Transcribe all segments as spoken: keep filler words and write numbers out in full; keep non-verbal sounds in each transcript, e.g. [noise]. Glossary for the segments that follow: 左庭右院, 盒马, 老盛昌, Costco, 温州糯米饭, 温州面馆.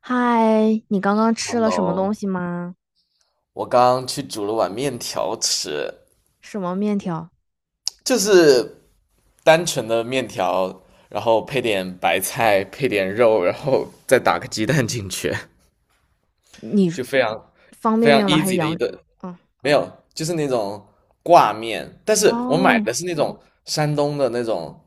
嗨，你刚刚吃了什么东 Hello，西吗？我刚刚去煮了碗面条吃，什么面条？就是单纯的面条，然后配点白菜，配点肉，然后再打个鸡蛋进去，你 [laughs] 就非常方非便常 面吗？还是 easy 的一羊？顿。嗯，没有，就是那种挂面，但是我买哦的是那种山东的那种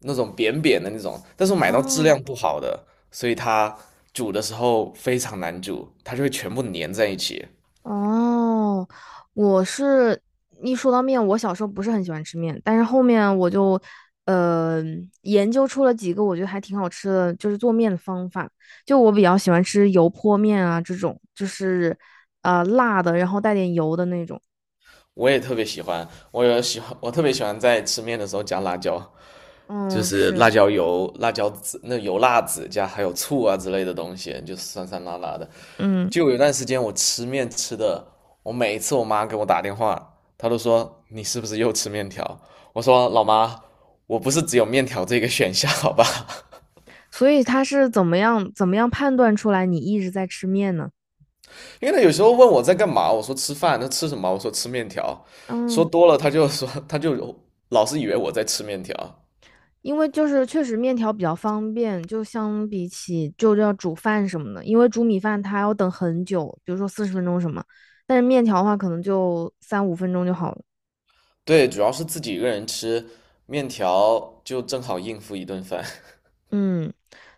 那种扁扁的那种，但是我买到质哦量不好的，所以它煮的时候非常难煮，它就会全部粘在一起。哦，我是一说到面，我小时候不是很喜欢吃面，但是后面我就呃研究出了几个我觉得还挺好吃的，就是做面的方法。就我比较喜欢吃油泼面啊，这种就是呃辣的，然后带点油的那种。我也特别喜欢，我有喜欢，我特别喜欢在吃面的时候加辣椒，就嗯，是是，辣椒油、辣椒籽、那油辣子加还有醋啊之类的东西，就是酸酸辣辣的。嗯。就有一段时间我吃面吃的，我每一次我妈给我打电话，她都说你是不是又吃面条？我说老妈，我不是只有面条这个选项，好吧？所以他是怎么样怎么样判断出来你一直在吃面呢？[laughs] 因为她有时候问我在干嘛，我说吃饭，她吃什么？我说吃面条，说嗯，多了她就说她就老是以为我在吃面条。因为就是确实面条比较方便，就相比起就要煮饭什么的，因为煮米饭它要等很久，比如说四十分钟什么，但是面条的话可能就三五分钟就好了。对，主要是自己一个人吃，面条就正好应付一顿饭。嗯，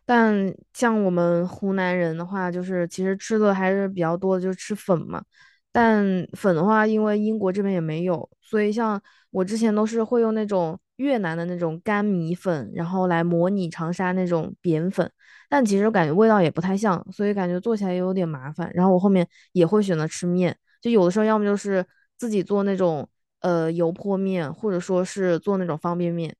但像我们湖南人的话，就是其实吃的还是比较多的，就是吃粉嘛。但粉的话，因为英国这边也没有，所以像我之前都是会用那种越南的那种干米粉，然后来模拟长沙那种扁粉。但其实感觉味道也不太像，所以感觉做起来也有点麻烦。然后我后面也会选择吃面，就有的时候要么就是自己做那种呃油泼面，或者说是做那种方便面。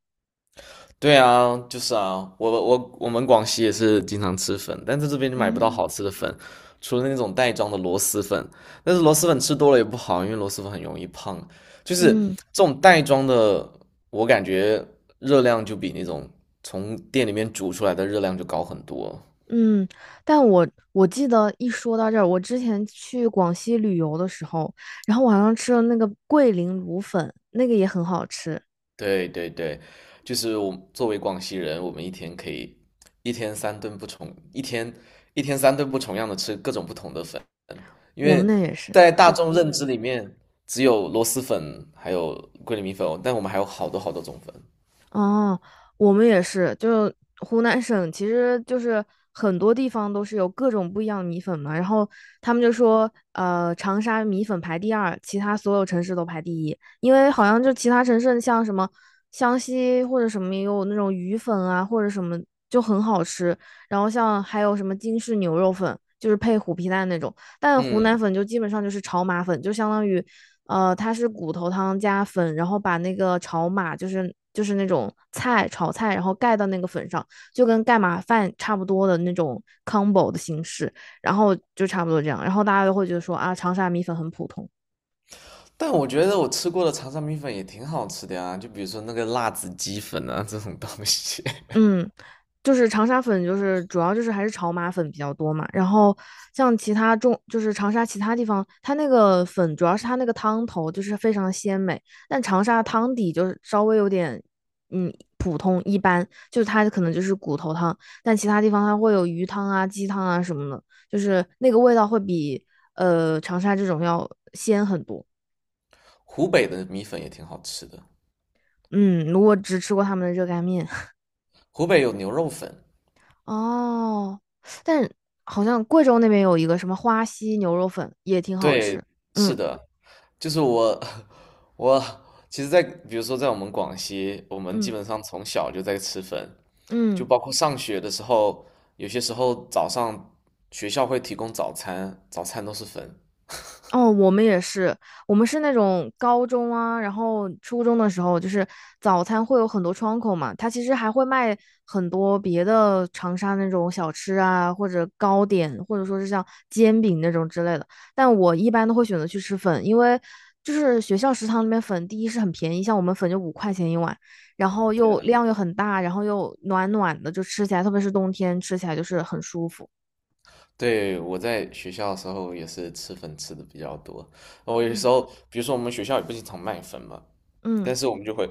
[laughs] 对啊，就是啊，我我我们广西也是经常吃粉，但在这边就买不到嗯好吃的粉，除了那种袋装的螺蛳粉。但是螺蛳粉吃多了也不好，因为螺蛳粉很容易胖。就是嗯。这种袋装的，我感觉热量就比那种从店里面煮出来的热量就高很多。嗯，但我我记得一说到这儿，我之前去广西旅游的时候，然后晚上吃了那个桂林卤粉，那个也很好吃，对对对，就是我作为广西人，我们一天可以一天三顿不重，一天一天三顿不重样的吃各种不同的粉，因我们为那也是。在大众认知里面，只有螺蛳粉还有桂林米粉，但我们还有好多好多种粉。哦，我们也是，就湖南省，其实就是很多地方都是有各种不一样的米粉嘛。然后他们就说，呃，长沙米粉排第二，其他所有城市都排第一，因为好像就其他城市像什么湘西或者什么也有那种鱼粉啊，或者什么就很好吃。然后像还有什么京式牛肉粉，就是配虎皮蛋那种，但湖南嗯，粉就基本上就是炒码粉，就相当于呃，它是骨头汤加粉，然后把那个炒码，就是就是那种菜炒菜，然后盖到那个粉上，就跟盖码饭差不多的那种 combo 的形式，然后就差不多这样，然后大家都会觉得说啊，长沙米粉很普通，但我觉得我吃过的长沙米粉也挺好吃的呀，就比如说那个辣子鸡粉啊这种东西，嗯，就是长沙粉，就是主要就是还是炒码粉比较多嘛。然后像其他中，就是长沙其他地方，它那个粉主要是它那个汤头就是非常鲜美，但长沙汤底就是稍微有点，嗯，普通一般，就是它可能就是骨头汤，但其他地方它会有鱼汤啊、鸡汤啊什么的，就是那个味道会比呃长沙这种要鲜很多。[laughs] 湖北的米粉也挺好吃的，嗯，我只吃过他们的热干面。湖北有牛肉粉，哦，但好像贵州那边有一个什么花溪牛肉粉也挺好对，吃。是嗯的，就是我，我其实在，比如说在我们广西，我们基嗯，本上从小就在吃粉，就嗯。包括上学的时候，有些时候早上学校会提供早餐，早餐都是粉。哦，我们也是，我们是那种高中啊，然后初中的时候，就是早餐会有很多窗口嘛，它其实还会卖很多别的长沙那种小吃啊，或者糕点，或者说是像煎饼那种之类的。但我一般都会选择去吃粉，因为就是学校食堂里面粉，第一是很便宜，像我们粉就五块钱一碗，然后又量又很大，然后又暖暖的，就吃起来，特别是冬天吃起来就是很舒服。对，我在学校的时候也是吃粉吃的比较多。我有时嗯候，比如说我们学校也不经常卖粉嘛，嗯。但是我们就会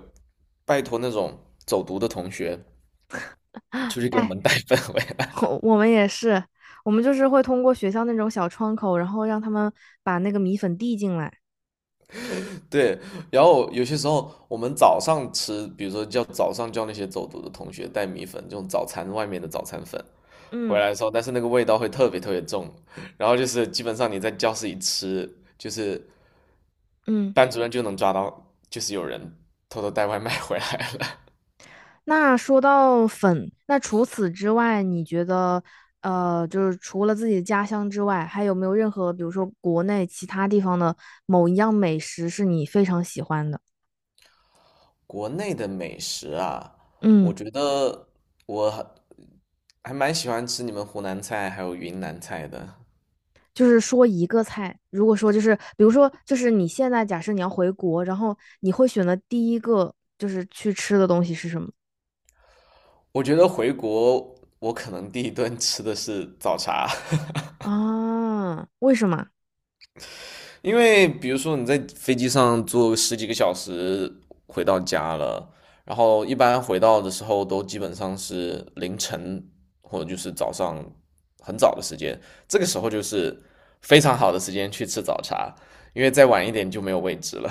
拜托那种走读的同学 [gasps] 出 [sucks teeth] 去给我带 们带 [laughs] 粉回来。[laughs] 我我们也是，我们就是会通过学校那种小窗口，然后让他们把那个米粉递进来。对，然后有些时候我们早上吃，比如说叫早上叫那些走读的同学带米粉，这种早餐外面的早餐粉回嗯来的时候，但是那个味道会特别特别重，然后就是基本上你在教室里吃，就是嗯，班主任就能抓到，就是有人偷偷带外卖回来了。那说到粉，那除此之外，你觉得呃，就是除了自己的家乡之外，还有没有任何，比如说国内其他地方的某一样美食是你非常喜欢的？[laughs] 国内的美食啊，我嗯，觉得我还还蛮喜欢吃你们湖南菜还有云南菜的。就是说一个菜，如果说就是比如说就是你现在假设你要回国，然后你会选择第一个就是去吃的东西是什么？我觉得回国我可能第一顿吃的是早茶。[laughs] 啊，为什么？因为比如说你在飞机上坐十几个小时回到家了，然后一般回到的时候都基本上是凌晨或者就是早上很早的时间，这个时候就是非常好的时间去吃早茶，因为再晚一点就没有位置了。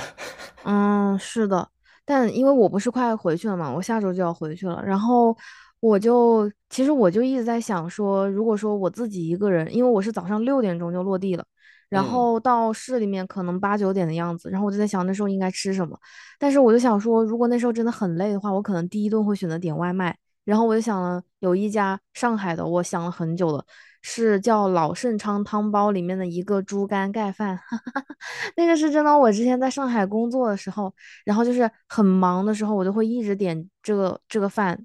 嗯，是的，但因为我不是快回去了嘛，我下周就要回去了，然后我就其实我就一直在想说，如果说我自己一个人，因为我是早上六点钟就落地了，然嗯，后到市里面可能八九点的样子，然后我就在想那时候应该吃什么，但是我就想说，如果那时候真的很累的话，我可能第一顿会选择点外卖，然后我就想了有一家上海的，我想了很久了，是叫老盛昌汤包里面的一个猪肝盖饭。那个是真的。我之前在上海工作的时候，然后就是很忙的时候，我就会一直点这个这个饭，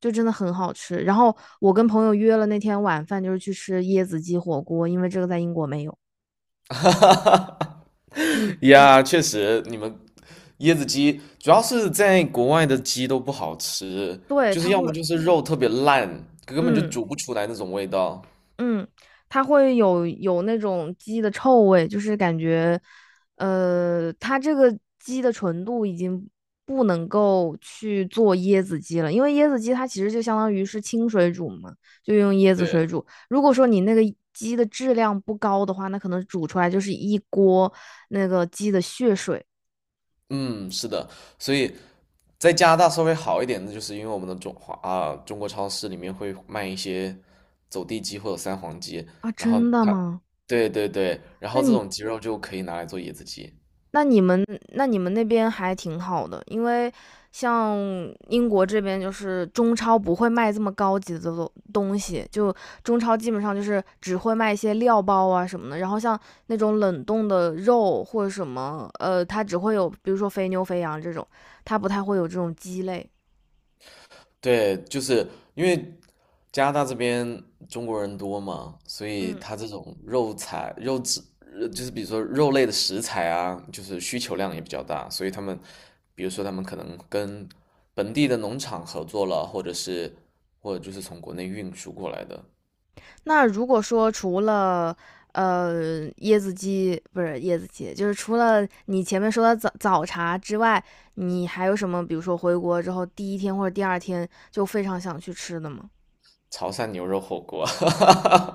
就真的很好吃。然后我跟朋友约了那天晚饭，就是去吃椰子鸡火锅，因为这个在英国没有。嗯，呀，确实，你们椰子鸡主要是在国外的鸡都不好吃，对，就是他要么会，就是肉特别烂，根本就嗯，煮不出来那种味道。嗯，它会有有那种鸡的臭味，就是感觉，呃，它这个鸡的纯度已经不能够去做椰子鸡了，因为椰子鸡它其实就相当于是清水煮嘛，就用椰子对。水煮。如果说你那个鸡的质量不高的话，那可能煮出来就是一锅那个鸡的血水嗯，是的，所以在加拿大稍微好一点的，就是因为我们的中华啊中国超市里面会卖一些走地鸡或者三黄鸡，啊！然后真的它，吗？对对对，然那后这你种鸡肉就可以拿来做椰子鸡。那你们那你们那边还挺好的，因为像英国这边就是中超不会卖这么高级的东东西，就中超基本上就是只会卖一些料包啊什么的，然后像那种冷冻的肉或者什么，呃，它只会有比如说肥牛、肥羊这种，它不太会有这种鸡肋。对，就是因为加拿大这边中国人多嘛，所以嗯。他这种肉材、肉质，呃就是比如说肉类的食材啊，就是需求量也比较大，所以他们，比如说他们可能跟本地的农场合作了，或者是或者就是从国内运输过来的那如果说除了呃椰子鸡不是椰子鸡，就是除了你前面说的早早茶之外，你还有什么？比如说回国之后第一天或者第二天就非常想去吃的吗？潮汕牛肉火锅，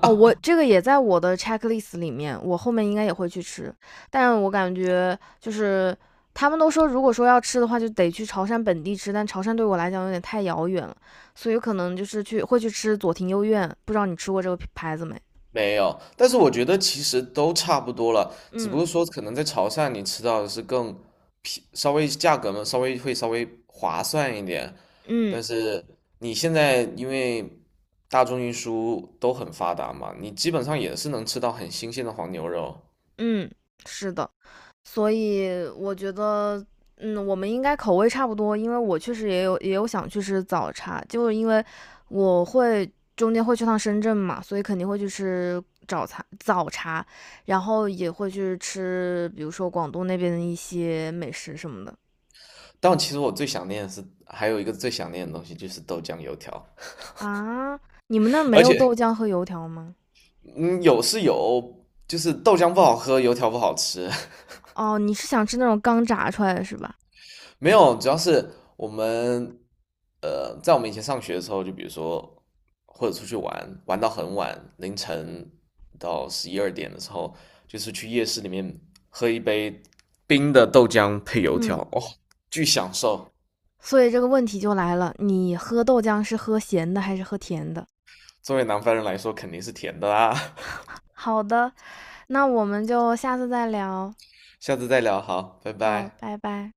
哦，我这个也在我的 checklist 里面，我后面应该也会去吃，但我感觉就是他们都说，如果说要吃的话，就得去潮汕本地吃，但潮汕对我来讲有点太遥远了，所以有可能就是去会去吃左庭右院，不知道你吃过这个牌子没？没有，但是我觉得其实都差不多了，只不嗯过说可能在潮汕你吃到的是更便，稍微价格嘛，稍微会稍微划算一点，嗯但是你现在因为大众运输都很发达嘛，你基本上也是能吃到很新鲜的黄牛肉。嗯，是的，所以我觉得，嗯，我们应该口味差不多，因为我确实也有也有想去吃早茶，就是因为我会中间会去趟深圳嘛，所以肯定会去吃早茶早茶，然后也会去吃，比如说广东那边的一些美食什么的但其实我最想念的是，还有一个最想念的东西就是豆浆油条，啊。你们那儿 [laughs] 没而有且豆浆和油条吗？嗯有是有，就是豆浆不好喝，油条不好吃。[laughs] 哦，你是想吃那种刚炸出来的是吧？没有，主要是我们呃，在我们以前上学的时候，就比如说或者出去玩，玩到很晚，凌晨到十一二点的时候，就是去夜市里面喝一杯冰的豆浆配油条，嗯，哦，巨享受。所以这个问题就来了，你喝豆浆是喝咸的还是喝甜的？作为南方人来说，肯定是甜的啦。好的，那我们就下次再聊。[laughs] 下次再聊，好，拜好，拜。拜拜。